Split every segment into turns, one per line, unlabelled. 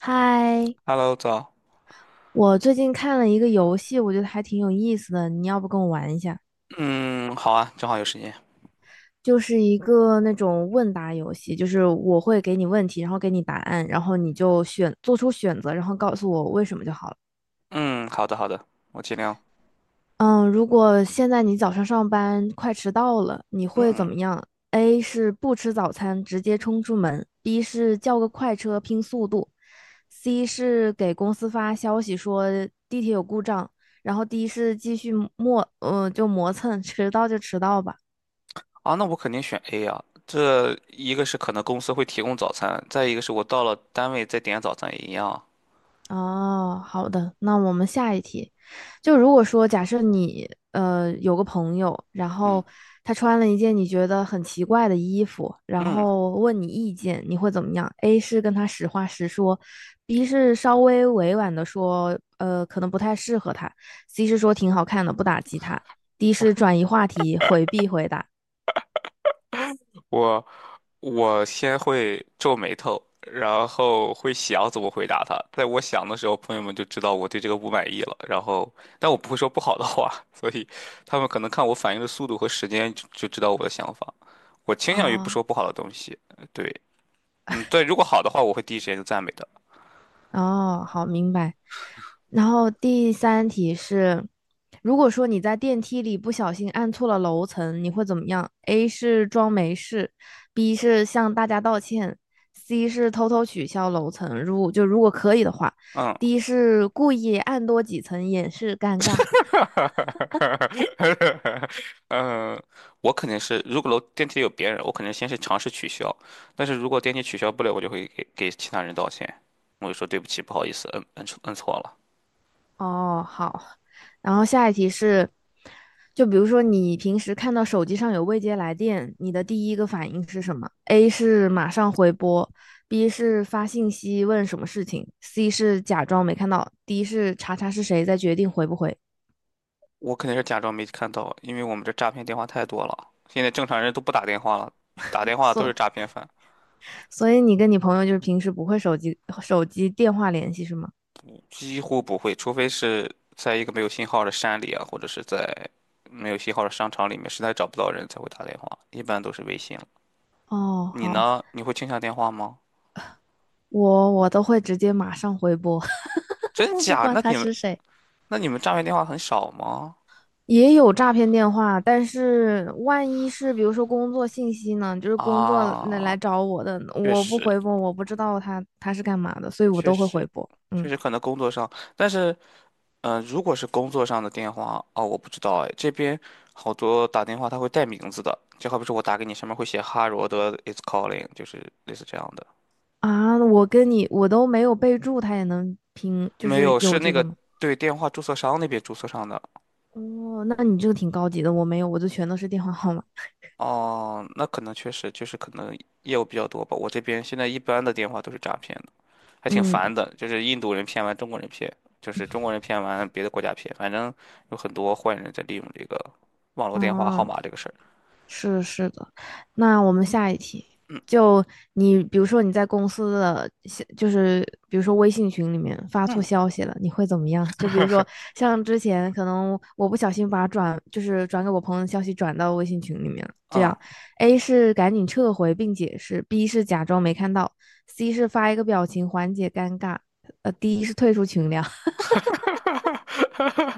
嗨，
Hello，早。
我最近看了一个游戏，我觉得还挺有意思的，你要不跟我玩一下？
嗯，好啊，正好有时间。
就是一个那种问答游戏，就是我会给你问题，然后给你答案，然后你就选，做出选择，然后告诉我为什么就好了。
嗯，好的，好的，我尽量。
嗯，如果现在你早上上班快迟到了，你会怎
嗯，
么样？A 是不吃早餐，直接冲出门；B 是叫个快车拼速度；C 是给公司发消息说地铁有故障，然后 D 是继续磨，就磨蹭，迟到就迟到吧。
啊，那我肯定选 A 啊。这一个是可能公司会提供早餐，再一个是我到了单位再点早餐也一样啊。
哦，好的，那我们下一题，就如果说假设你有个朋友，然
嗯
后他穿了一件你觉得很奇怪的衣服，然
嗯，
后问你意见，你会怎么样？A 是跟他实话实说，B 是稍微委婉的说，可能不太适合他，C 是说挺好看的，不打击他，D 是转移话题，回避回答。
我我先会皱眉头，然后会想怎么回答他。在我想的时候，朋友们就知道我对这个不满意了。然后，但我不会说不好的话，所以他们可能看我反应的速度和时间就知道我的想法。我倾向于不
啊、
说不好的东西，对，嗯，对，如果好的话，我会第一时间就赞美的。
哦，好，明白。然后第三题是，如果说你在电梯里不小心按错了楼层，你会怎么样？A 是装没事，B 是向大家道歉，C 是偷偷取消楼层，如果可以的话
嗯。
，D 是故意按多几层掩饰尴尬。
哈，哈，哈，哈，哈，哈，嗯，我肯定是，如果电梯里有别人，我肯定先是尝试取消。但是如果电梯取消不了，我就会给其他人道歉，我就说对不起，不好意思，摁错了。
哦，好。然后下一题是，就比如说你平时看到手机上有未接来电，你的第一个反应是什么？A 是马上回拨，B 是发信息问什么事情，C 是假装没看到，D 是查查是谁再决定回不回。
我肯定是假装没看到，因为我们这诈骗电话太多了，现在正常人都不打电话了，打电话都是
所
诈骗犯，
所以你跟你朋友就是平时不会手机电话联系是吗？
几乎不会，除非是在一个没有信号的山里啊，或者是在没有信号的商场里面，实在找不到人才会打电话，一般都是微信了。
哦，
你
好，
呢？你会倾向电话吗？
我都会直接马上回拨，
真
我不
假？
管
那
他
你们
是谁。
那你们诈骗电话很少吗？
也有诈骗电话，但是万一是比如说工作信息呢，就是工作那来
啊，
找我的，
确
我不
实，
回拨，我不知道他是干嘛的，所以我
确
都会回
实，
拨。
确
嗯。
实可能工作上，但是，嗯、如果是工作上的电话，哦，我不知道哎，这边好多打电话他会带名字的，就好比说我打给你，上面会写哈罗德 is calling，就是类似这样的。
啊，我跟你我都没有备注，他也能拼，就
没
是
有，是
有
那
这个
个
吗？
对电话注册商那边注册上的。
哦，那你这个挺高级的，我没有，我就全都是电话号码。
哦，那可能确实就是可能业务比较多吧。我这边现在一般的电话都是诈骗还挺
嗯，
烦的，就是印度人骗完中国人骗，就是中国人骗完别的国家骗，反正有很多坏人在利用这个网络电话号
嗯，
码这个事儿。
是的是的。那我们下一题，就你比如说你在公司的消就是比如说微信群里面发错
嗯
消息了，你会怎么样？就比如说像之前可能我不小心把转就是转给我朋友的消息转到微信群里面了，这
嗯，
样 A 是赶紧撤回并解释，B 是假装没看到，C 是发一个表情缓解尴尬，D 是退出群聊。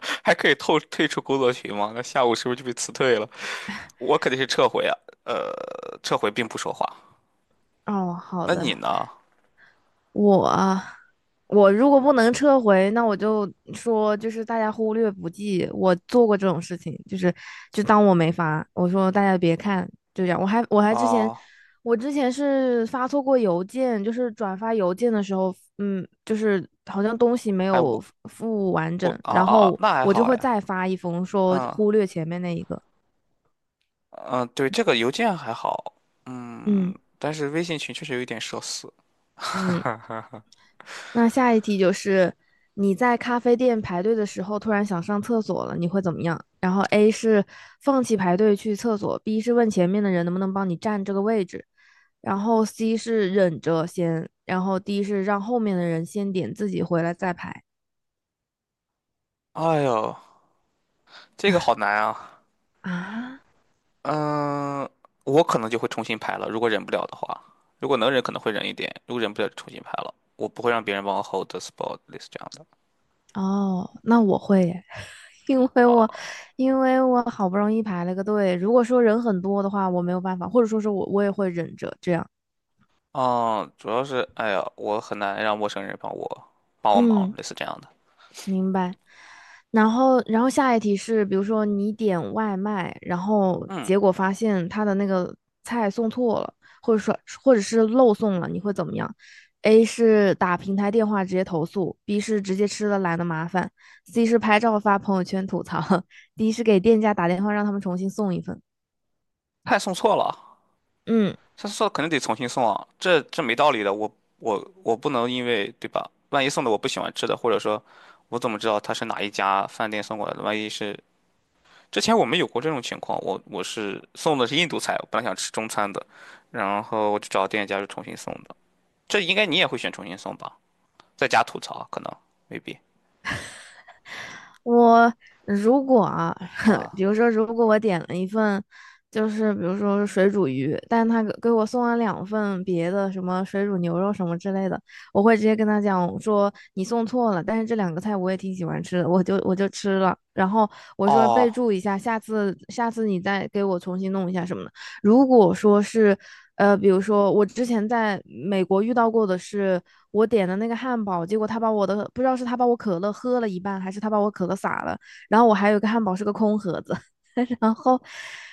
还可以退出工作群吗？那下午是不是就被辞退了？我肯定是撤回啊，撤回并不说话。
哦，好
那你
的，
呢？
我啊我如果不能撤回，那我就说就是大家忽略不计，我做过这种事情，就是就当我没发，我说大家别看，就这样。
啊，
我之前是发错过邮件，就是转发邮件的时候，嗯，就是好像东西没
哎，
有
我
附完
我
整，
啊
然
啊啊，
后
那还
我
好
就会
哎，
再发一封说
嗯
忽略前面那一个，
嗯，对，这个邮件还好，嗯，
嗯。
但是微信群确实有一点社死。
嗯。那下一题就是你在咖啡店排队的时候突然想上厕所了，你会怎么样？然后 A 是放弃排队去厕所，B 是问前面的人能不能帮你占这个位置，然后 C 是忍着先，然后 D 是让后面的人先点，自己回来再排。
哎呦，这个好难啊。
啊。
嗯，我可能就会重新排了，如果忍不了的话，如果能忍可能会忍一点，如果忍不了就重新排了。我不会让别人帮我 hold the spot 类似这样的。
哦，那我会耶，因为我
啊，
因为我好不容易排了个队，如果说人很多的话，我没有办法，或者说是我也会忍着这样。
哦，主要是，哎呀，我很难让陌生人帮我忙，
嗯。
类似这样的。
明白。然后下一题是，比如说你点外卖，然后
嗯，
结果发现他的那个菜送错了，或者是漏送了，你会怎么样？A 是打平台电话直接投诉，B 是直接吃了懒得麻烦，C 是拍照发朋友圈吐槽 ，D 是给店家打电话让他们重新送一份。
菜送错了，
嗯，
菜送错了肯定得重新送啊，这没道理的。我不能因为对吧？万一送的我不喜欢吃的，或者说我怎么知道他是哪一家饭店送过来的？万一是之前我们有过这种情况，我是送的是印度菜，我本来想吃中餐的，然后我就找店家就重新送的。这应该你也会选重新送吧？在家吐槽可能未必
我如果啊，比
啊，
如说，如果我点了一份，就是比如说水煮鱼，但他给我送了两份别的什么水煮牛肉什么之类的，我会直接跟他讲说你送错了，但是这两个菜我也挺喜欢吃的，我就吃了。然后我说备
哦
注一下，下次你再给我重新弄一下什么的。如果说是比如说我之前在美国遇到过的是，我点的那个汉堡，结果他把我的不知道是他把我可乐喝了一半，还是他把我可乐洒了，然后我还有一个汉堡是个空盒子，然后，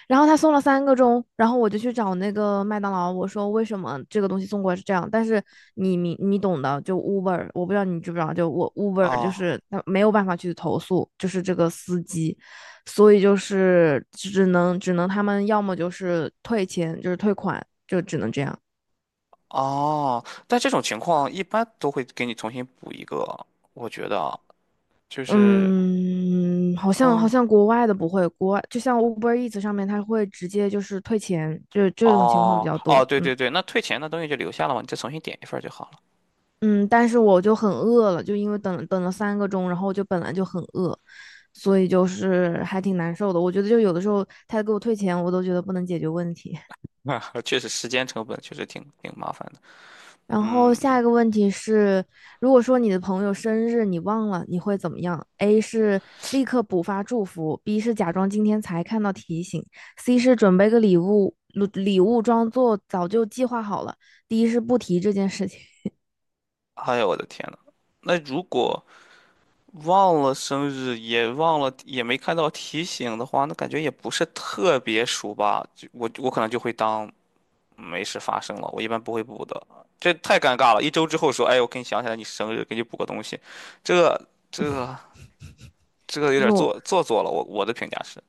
然后他送了三个钟，然后我就去找那个麦当劳，我说为什么这个东西送过来是这样，但是你懂的，就 Uber，我不知道你知不知道，就我 Uber 就
哦
是他没有办法去投诉，就是这个司机，所以就是只能他们要么就是退钱，就是退款，就只能这样。
哦，但这种情况一般都会给你重新补一个，我觉得啊就是
嗯，好像
嗯，
国外的不会，国外就像 Uber Eats 上面，它会直接就是退钱，就这种情况比
哦
较
哦，
多。
对
嗯。
对对，那退钱的东西就留下了嘛，你再重新点一份儿就好
嗯，但是我就很饿了，就因为等了三个钟，然后我就本来就很饿，所以就是还挺难受的。我觉得就有的时候他给我退钱，我都觉得不能解决问题。
了。确实时间成本确实挺麻烦的，
然后
嗯，
下一个问题是，如果说你的朋友生日你忘了，你会怎么样？A 是立刻补发祝福，B 是假装今天才看到提醒，C 是准备个礼物，礼物装作早就计划好了，D 是不提这件事情。
哎呦我的天呐，那如果忘了生日，也忘了，也没看到提醒的话，那感觉也不是特别熟吧。就我可能就会当没事发生了，我一般不会补的。这太尴尬了，一周之后说，哎，我给你想起来你生日，给你补个东西，这这这有
就是
点
我
做作了。我的评价是，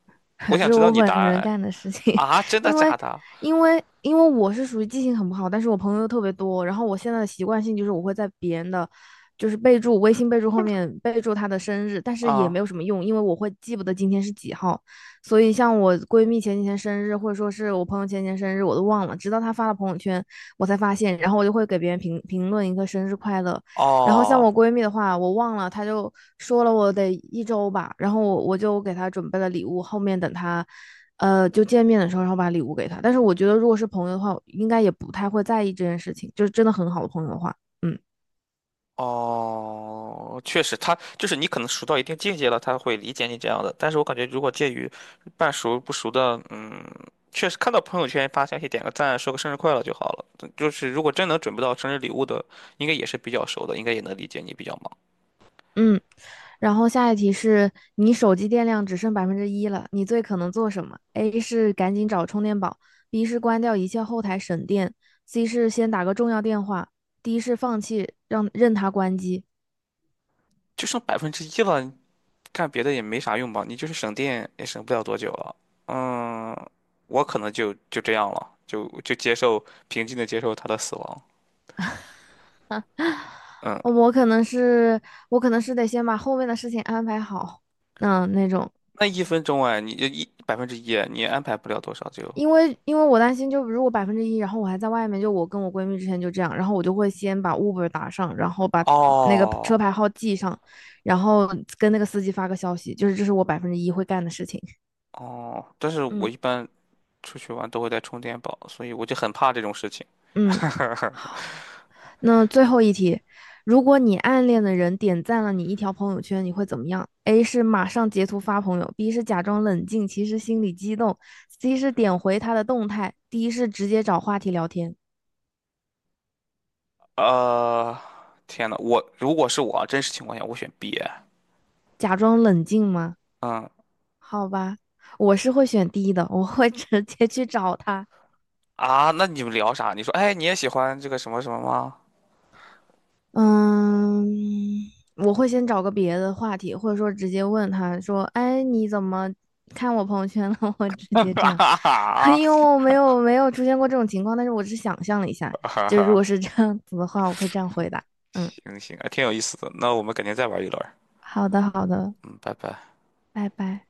我
这
想
是
知道
我
你答
本
案。
人干的事情，
哎啊，真 的
因为
假的？
因为因为我是属于记性很不好，但是我朋友又特别多，然后我现在的习惯性就是我会在别人的备注微信备注他的生日，但是也
啊，
没有什么用，因为我会记不得今天是几号，所以像我闺蜜前几天生日，或者说是我朋友前几天生日，我都忘了，直到她发了朋友圈我才发现，然后我就会给别人评论一个生日快乐，然后像
哦。
我闺蜜的话，我忘了，她就说了我得一周吧，然后我就给她准备了礼物，后面等她，就见面的时候，然后把礼物给她。但是我觉得，如果是朋友的话，应该也不太会在意这件事情，就是真的很好的朋友的话，嗯。
哦，确实，他就是你可能熟到一定境界了，他会理解你这样的。但是我感觉，如果介于半熟不熟的，嗯，确实看到朋友圈发消息点个赞，说个生日快乐就好了。就是如果真能准备到生日礼物的，应该也是比较熟的，应该也能理解你比较忙。
嗯。然后下一题是你手机电量只剩百分之一了，你最可能做什么？A 是赶紧找充电宝，B 是关掉一切后台省电，C 是先打个重要电话，D 是放弃让任它关机。
就剩百分之一了，干别的也没啥用吧？你就是省电也省不了多久了。嗯，我可能就这样了，就接受平静的接受他的死亡。嗯。
我可能是我可能是得先把后面的事情安排好，嗯，那种，
那一分钟哎，你一百分之一，你安排不了多少就。
因为我担心，就如果百分之一，然后我还在外面，就我跟我闺蜜之前就这样，然后我就会先把 Uber 打上，然后把那个
哦
车牌号记上，然后跟那个司机发个消息，就是这是我百分之一会干的事情，
哦，但是 我
嗯。
一般出去玩都会带充电宝，所以我就很怕这种事情。
嗯。那最后一题，如果你暗恋的人点赞了你一条朋友圈，你会怎么样？A 是马上截图发朋友，B 是假装冷静，其实心里激动，C 是点回他的动态，D 是直接找话题聊天。
呃，天呐，我如果是我啊真实情况下，我选 B。
假装冷静吗？
嗯
好吧，我是会选 D 的，我会直接去找他。
啊，那你们聊啥？你说，哎，你也喜欢这个什么什么吗？
嗯，我会先找个别的话题，或者说直接问他说：“哎，你怎么看我朋友圈了？” 我会 直
哈
接这样，
哈
因为
哈
我没有出现过这种情况，但是我只是想象了一下，
哈哈
就如
哈，
果是这样子的话，我会这样回答。嗯，
行行，还挺有意思的。那我们改天再玩一轮儿。
好的，好的，
嗯，拜拜。
拜拜。